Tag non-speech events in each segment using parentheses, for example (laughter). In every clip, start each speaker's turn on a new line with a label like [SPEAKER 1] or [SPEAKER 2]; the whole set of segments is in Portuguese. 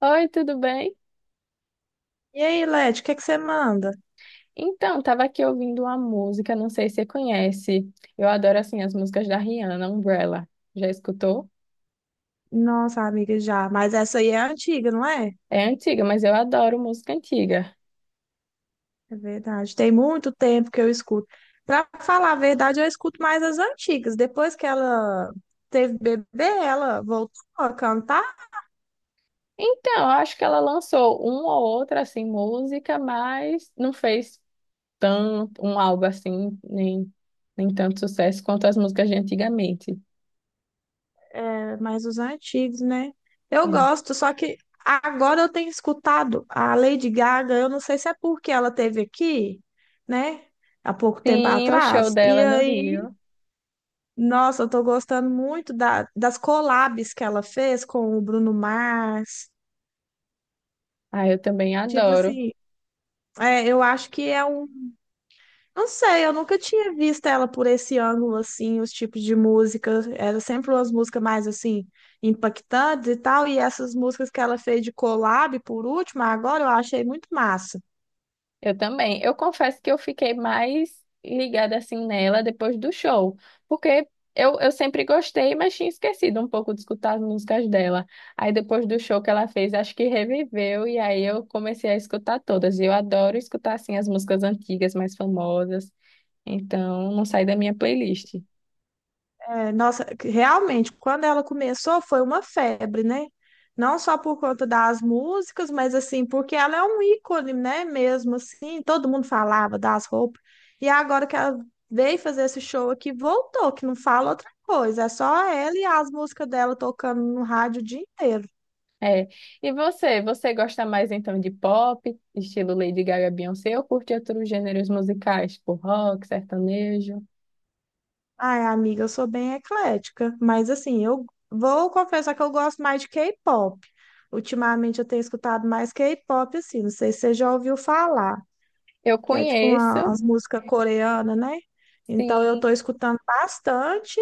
[SPEAKER 1] Oi, tudo bem?
[SPEAKER 2] E aí, Leti, o que que você manda?
[SPEAKER 1] Então, tava aqui ouvindo uma música, não sei se você conhece. Eu adoro assim as músicas da Rihanna, Umbrella. Já escutou?
[SPEAKER 2] Nossa, amiga, já. Mas essa aí é antiga, não é?
[SPEAKER 1] É antiga, mas eu adoro música antiga.
[SPEAKER 2] É verdade. Tem muito tempo que eu escuto. Pra falar a verdade, eu escuto mais as antigas. Depois que ela teve bebê, ela voltou a cantar,
[SPEAKER 1] Então, eu acho que ela lançou uma ou outra assim música, mas não fez tanto um álbum assim, nem tanto sucesso quanto as músicas de antigamente.
[SPEAKER 2] é, mas os antigos, né? Eu
[SPEAKER 1] É.
[SPEAKER 2] gosto, só que agora eu tenho escutado a Lady Gaga. Eu não sei se é porque ela teve aqui, né? Há pouco tempo
[SPEAKER 1] Sim, o show
[SPEAKER 2] atrás. E
[SPEAKER 1] dela no
[SPEAKER 2] aí.
[SPEAKER 1] Rio.
[SPEAKER 2] Nossa, eu tô gostando muito das collabs que ela fez com o Bruno Mars.
[SPEAKER 1] Ah, eu também
[SPEAKER 2] Tipo
[SPEAKER 1] adoro.
[SPEAKER 2] assim, é, eu acho que é um. Não sei, eu nunca tinha visto ela por esse ângulo, assim, os tipos de música. Era sempre umas músicas mais, assim, impactantes e tal. E essas músicas que ela fez de collab, por último, agora eu achei muito massa.
[SPEAKER 1] Eu também. Eu confesso que eu fiquei mais ligada assim nela depois do show, porque eu sempre gostei, mas tinha esquecido um pouco de escutar as músicas dela. Aí depois do show que ela fez, acho que reviveu e aí eu comecei a escutar todas. E eu adoro escutar assim as músicas antigas, mais famosas. Então, não sai da minha playlist.
[SPEAKER 2] É, nossa, realmente, quando ela começou foi uma febre, né? Não só por conta das músicas, mas assim, porque ela é um ícone, né? Mesmo assim, todo mundo falava das roupas. E agora que ela veio fazer esse show aqui, voltou, que não fala outra coisa, é só ela e as músicas dela tocando no rádio o dia inteiro.
[SPEAKER 1] É. E você, você gosta mais então de pop, estilo Lady Gaga, Beyoncé, ou curte outros gêneros musicais, tipo rock, sertanejo?
[SPEAKER 2] Ai, amiga, eu sou bem eclética, mas assim, eu vou confessar que eu gosto mais de K-pop. Ultimamente eu tenho escutado mais K-pop, assim, não sei se você já ouviu falar.
[SPEAKER 1] Eu
[SPEAKER 2] Que é tipo uma,
[SPEAKER 1] conheço,
[SPEAKER 2] as músicas coreanas, né? Então eu
[SPEAKER 1] sim.
[SPEAKER 2] tô escutando bastante,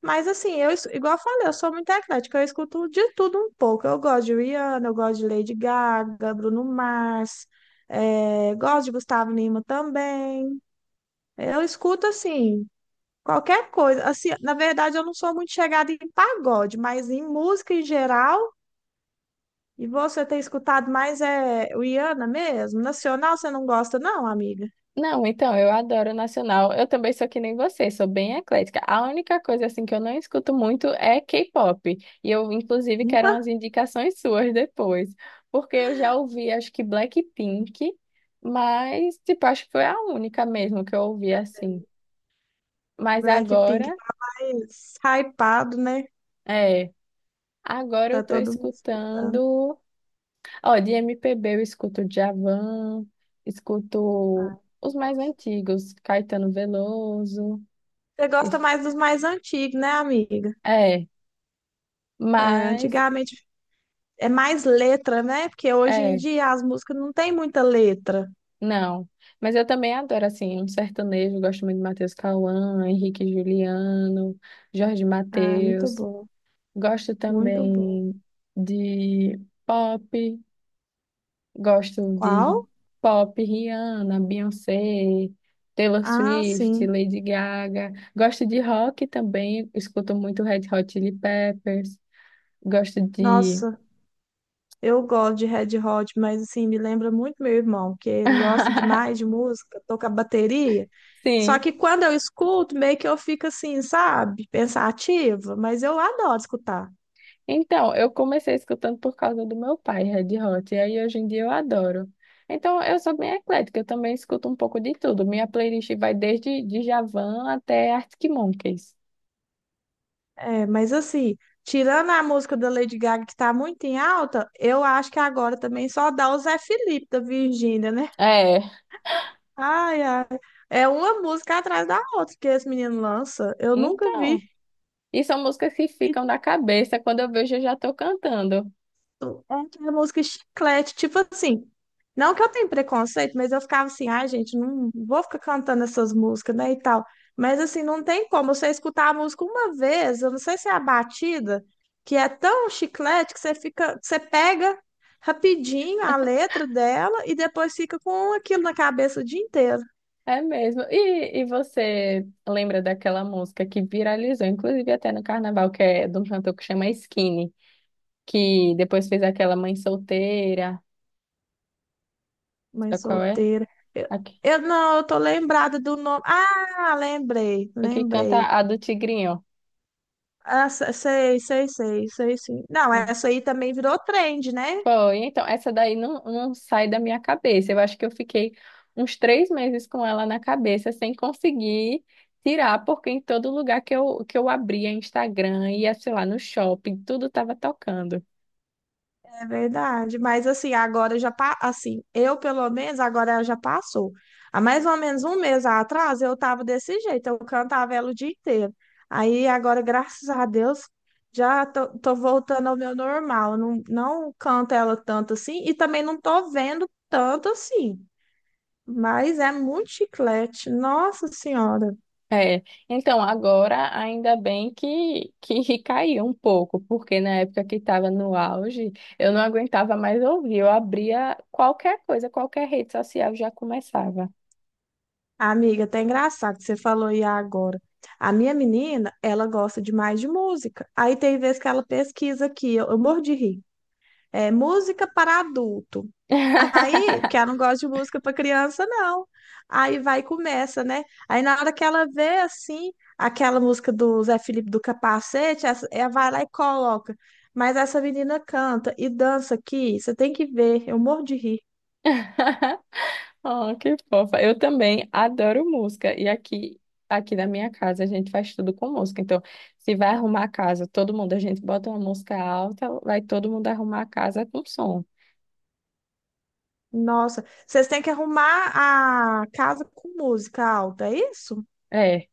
[SPEAKER 2] mas assim, igual eu falei, eu sou muito eclética, eu escuto de tudo um pouco. Eu gosto de Rihanna, eu gosto de Lady Gaga, Bruno Mars, gosto de Gustavo Lima também. Eu escuto assim, qualquer coisa. Assim, na verdade, eu não sou muito chegada em pagode, mas em música em geral. E você tem escutado mais é Rihanna mesmo? Nacional você não gosta, não, amiga?
[SPEAKER 1] Não, então, eu adoro nacional. Eu também sou que nem você, sou bem eclética. A única coisa assim que eu não escuto muito é K-pop. E eu inclusive quero umas indicações suas depois, porque eu já ouvi acho que Blackpink, mas tipo, acho que foi a única mesmo que eu ouvi assim. Mas agora,
[SPEAKER 2] Blackpink tá mais hypado, né?
[SPEAKER 1] é, agora eu
[SPEAKER 2] Tá
[SPEAKER 1] tô
[SPEAKER 2] todo mundo escutando.
[SPEAKER 1] escutando, ó, de MPB eu escuto Djavan,
[SPEAKER 2] Ai,
[SPEAKER 1] escuto os mais
[SPEAKER 2] gosto.
[SPEAKER 1] antigos, Caetano Veloso,
[SPEAKER 2] Você gosta mais dos mais antigos, né, amiga?
[SPEAKER 1] é,
[SPEAKER 2] É,
[SPEAKER 1] mas
[SPEAKER 2] antigamente é mais letra, né? Porque hoje em
[SPEAKER 1] é,
[SPEAKER 2] dia as músicas não tem muita letra.
[SPEAKER 1] não. Mas eu também adoro assim um sertanejo, gosto muito de Matheus Cauã, Henrique e Juliano, Jorge
[SPEAKER 2] Ah, muito
[SPEAKER 1] Mateus.
[SPEAKER 2] bom,
[SPEAKER 1] Gosto
[SPEAKER 2] muito bom.
[SPEAKER 1] também de pop, gosto de
[SPEAKER 2] Qual?
[SPEAKER 1] pop, Rihanna, Beyoncé, Taylor
[SPEAKER 2] Ah,
[SPEAKER 1] Swift,
[SPEAKER 2] sim.
[SPEAKER 1] Lady Gaga. Gosto de rock também, escuto muito Red Hot Chili Peppers. Gosto de
[SPEAKER 2] Nossa. Eu gosto de Red Hot, mas assim, me lembra muito meu irmão, que ele gosta
[SPEAKER 1] (laughs)
[SPEAKER 2] demais de música, toca bateria. Só
[SPEAKER 1] sim.
[SPEAKER 2] que quando eu escuto, meio que eu fico assim, sabe, pensativa, mas eu adoro escutar.
[SPEAKER 1] Então, eu comecei escutando por causa do meu pai, Red Hot, e aí hoje em dia eu adoro. Então, eu sou bem eclética, eu também escuto um pouco de tudo. Minha playlist vai desde Djavan até Arctic Monkeys.
[SPEAKER 2] É, mas assim, tirando a música da Lady Gaga, que tá muito em alta, eu acho que agora também só dá o Zé Felipe da Virgínia, né?
[SPEAKER 1] É,
[SPEAKER 2] Ai, ai. É uma música atrás da outra que esse menino lança. Eu nunca
[SPEAKER 1] então.
[SPEAKER 2] vi.
[SPEAKER 1] E são músicas que
[SPEAKER 2] E
[SPEAKER 1] ficam na cabeça, quando eu vejo eu já tô cantando.
[SPEAKER 2] é aquela música chiclete, tipo assim. Não que eu tenha preconceito, mas eu ficava assim, ai, gente, não vou ficar cantando essas músicas, né, e tal. Mas assim, não tem como você escutar a música uma vez, eu não sei se é a batida, que é tão chiclete que você fica, você pega rapidinho a letra dela e depois fica com aquilo na cabeça o dia inteiro.
[SPEAKER 1] É mesmo. E você lembra daquela música que viralizou, inclusive até no carnaval, que é de um cantor que chama Skinny, que depois fez aquela Mãe Solteira,
[SPEAKER 2] Mãe
[SPEAKER 1] sabe qual é?
[SPEAKER 2] solteira. Eu, eu não, eu tô lembrada do nome. Ah, lembrei,
[SPEAKER 1] O que canta
[SPEAKER 2] lembrei.
[SPEAKER 1] a do Tigrinho.
[SPEAKER 2] Ah, sei, sei, sei, sei, sim. Não, essa aí também virou trend, né?
[SPEAKER 1] Foi, então, essa daí não sai da minha cabeça. Eu acho que eu fiquei uns 3 meses com ela na cabeça, sem conseguir tirar, porque em todo lugar que eu abria Instagram, ia, sei lá, no shopping, tudo tava tocando.
[SPEAKER 2] É verdade. Mas assim, assim, eu pelo menos agora já passou. Há mais ou menos um mês atrás eu tava desse jeito, eu cantava ela o dia inteiro. Aí agora, graças a Deus, já tô voltando ao meu normal. Não, não canto ela tanto assim e também não tô vendo tanto assim. Mas é muito chiclete, nossa senhora.
[SPEAKER 1] É, então agora ainda bem que (laughs) caiu um pouco, porque na época que estava no auge, eu não aguentava mais ouvir, eu abria qualquer coisa, qualquer rede social já começava.
[SPEAKER 2] Amiga, até engraçado que você falou aí agora. A minha menina, ela gosta demais de música. Aí tem vezes que ela pesquisa aqui, eu morro de rir. É música para adulto. Aí, que ela
[SPEAKER 1] (laughs)
[SPEAKER 2] não gosta de música para criança, não. Aí vai e começa, né? Aí na hora que ela vê assim, aquela música do Zé Felipe do Capacete, ela vai lá e coloca. Mas essa menina canta e dança aqui, você tem que ver, eu morro de rir.
[SPEAKER 1] (laughs) Oh, que fofa. Eu também adoro música. E aqui na minha casa a gente faz tudo com música. Então, se vai arrumar a casa, todo mundo, a gente bota uma música alta, vai todo mundo arrumar a casa com som.
[SPEAKER 2] Nossa, vocês têm que arrumar a casa com música alta, é isso?
[SPEAKER 1] É.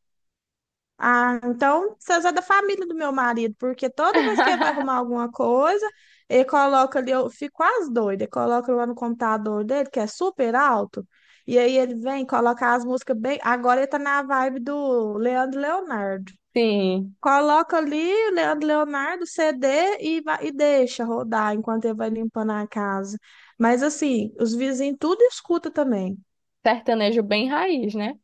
[SPEAKER 2] Ah, então vocês é da família do meu marido, porque toda vez que ele vai
[SPEAKER 1] (laughs)
[SPEAKER 2] arrumar alguma coisa, ele coloca ali, eu fico quase doida, ele coloca lá no computador dele, que é super alto, e aí ele vem, coloca as músicas bem. Agora ele tá na vibe do Leandro e Leonardo.
[SPEAKER 1] Sim,
[SPEAKER 2] Coloca ali o Leandro e Leonardo, CD e, vai, e deixa rodar enquanto ele vai limpando a casa. Mas assim, os vizinhos tudo escuta também.
[SPEAKER 1] sertanejo bem raiz, né?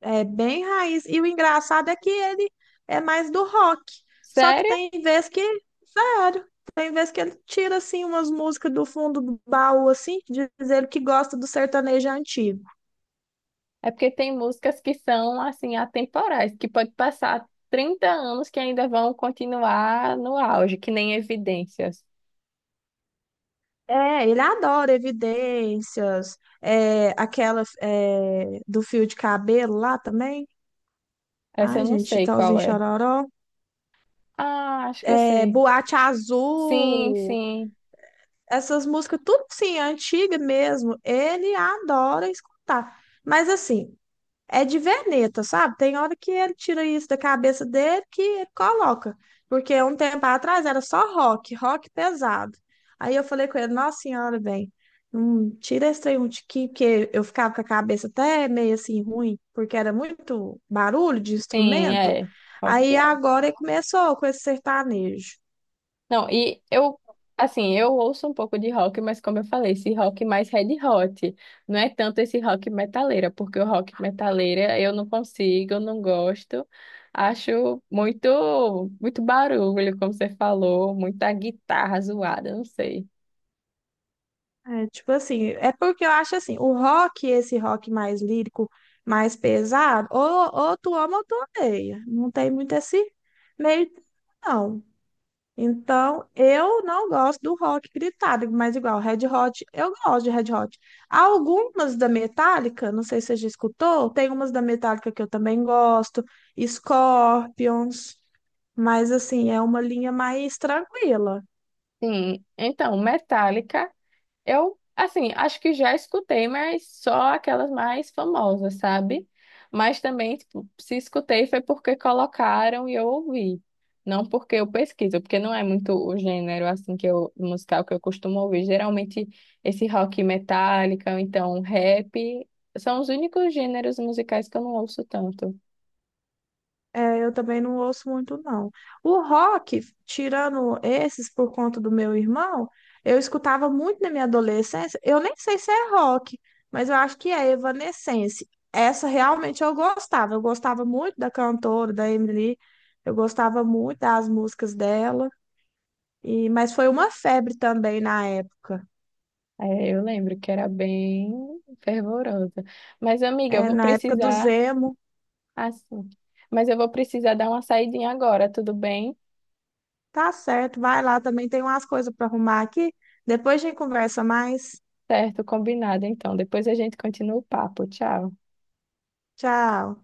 [SPEAKER 2] É bem raiz. E o engraçado é que ele é mais do rock. Só que
[SPEAKER 1] Sério?
[SPEAKER 2] tem vez que, sério, tem vez que ele tira assim umas músicas do fundo do baú assim, diz ele que gosta do sertanejo antigo.
[SPEAKER 1] É porque tem músicas que são assim atemporais, que pode passar 30 anos que ainda vão continuar no auge, que nem Evidências.
[SPEAKER 2] É, ele adora Evidências, é, aquela é, do fio de cabelo lá também.
[SPEAKER 1] Essa eu
[SPEAKER 2] Ai,
[SPEAKER 1] não
[SPEAKER 2] gente,
[SPEAKER 1] sei
[SPEAKER 2] Chitãozinho
[SPEAKER 1] qual
[SPEAKER 2] e
[SPEAKER 1] é.
[SPEAKER 2] Chororó.
[SPEAKER 1] Ah, acho que eu
[SPEAKER 2] É,
[SPEAKER 1] sei.
[SPEAKER 2] Boate
[SPEAKER 1] Sim,
[SPEAKER 2] Azul.
[SPEAKER 1] sim,
[SPEAKER 2] Essas músicas, tudo sim, antiga mesmo. Ele adora escutar. Mas assim, é de veneta, sabe? Tem hora que ele tira isso da cabeça dele que ele coloca. Porque um tempo atrás era só rock, rock pesado. Aí eu falei com ele, nossa senhora, tira esse trem de aqui, porque eu ficava com a cabeça até meio assim ruim, porque era muito barulho de
[SPEAKER 1] sim,
[SPEAKER 2] instrumento.
[SPEAKER 1] é. Rock
[SPEAKER 2] Aí
[SPEAKER 1] é.
[SPEAKER 2] agora ele começou com esse sertanejo.
[SPEAKER 1] Não, e eu, assim, eu ouço um pouco de rock, mas como eu falei, esse rock mais Red Hot, não é tanto esse rock metaleira, porque o rock metaleira eu não consigo, eu não gosto. Acho muito, muito barulho, como você falou, muita guitarra zoada, não sei.
[SPEAKER 2] É, tipo assim, é porque eu acho assim, o rock, esse rock mais lírico, mais pesado, ou tu ama ou tu odeia. Não tem muito esse meio, termo, não. Então, eu não gosto do rock gritado, mas igual, Red Hot, eu gosto de Red Hot. Algumas da Metallica, não sei se você já escutou, tem umas da Metallica que eu também gosto, Scorpions, mas assim, é uma linha mais tranquila.
[SPEAKER 1] Sim, então, Metallica. Eu, assim, acho que já escutei, mas só aquelas mais famosas, sabe? Mas também, tipo, se escutei foi porque colocaram e eu ouvi. Não porque eu pesquiso, porque não é muito o gênero, assim, que eu, musical que eu costumo ouvir. Geralmente, esse rock metálica, ou então rap, são os únicos gêneros musicais que eu não ouço tanto.
[SPEAKER 2] É, eu também não ouço muito, não. O rock, tirando esses por conta do meu irmão, eu escutava muito na minha adolescência. Eu nem sei se é rock, mas eu acho que é Evanescence. Essa realmente eu gostava. Eu gostava muito da cantora, da Emily. Eu gostava muito das músicas dela. E, mas foi uma febre também na época.
[SPEAKER 1] É, eu lembro que era bem fervorosa. Mas, amiga, eu
[SPEAKER 2] É,
[SPEAKER 1] vou
[SPEAKER 2] na época do
[SPEAKER 1] precisar
[SPEAKER 2] Zemo.
[SPEAKER 1] assim. Mas eu vou precisar dar uma saidinha agora, tudo bem?
[SPEAKER 2] Tá certo, vai lá também. Tem umas coisas para arrumar aqui. Depois a gente conversa mais.
[SPEAKER 1] Certo, combinado então. Depois a gente continua o papo. Tchau.
[SPEAKER 2] Tchau.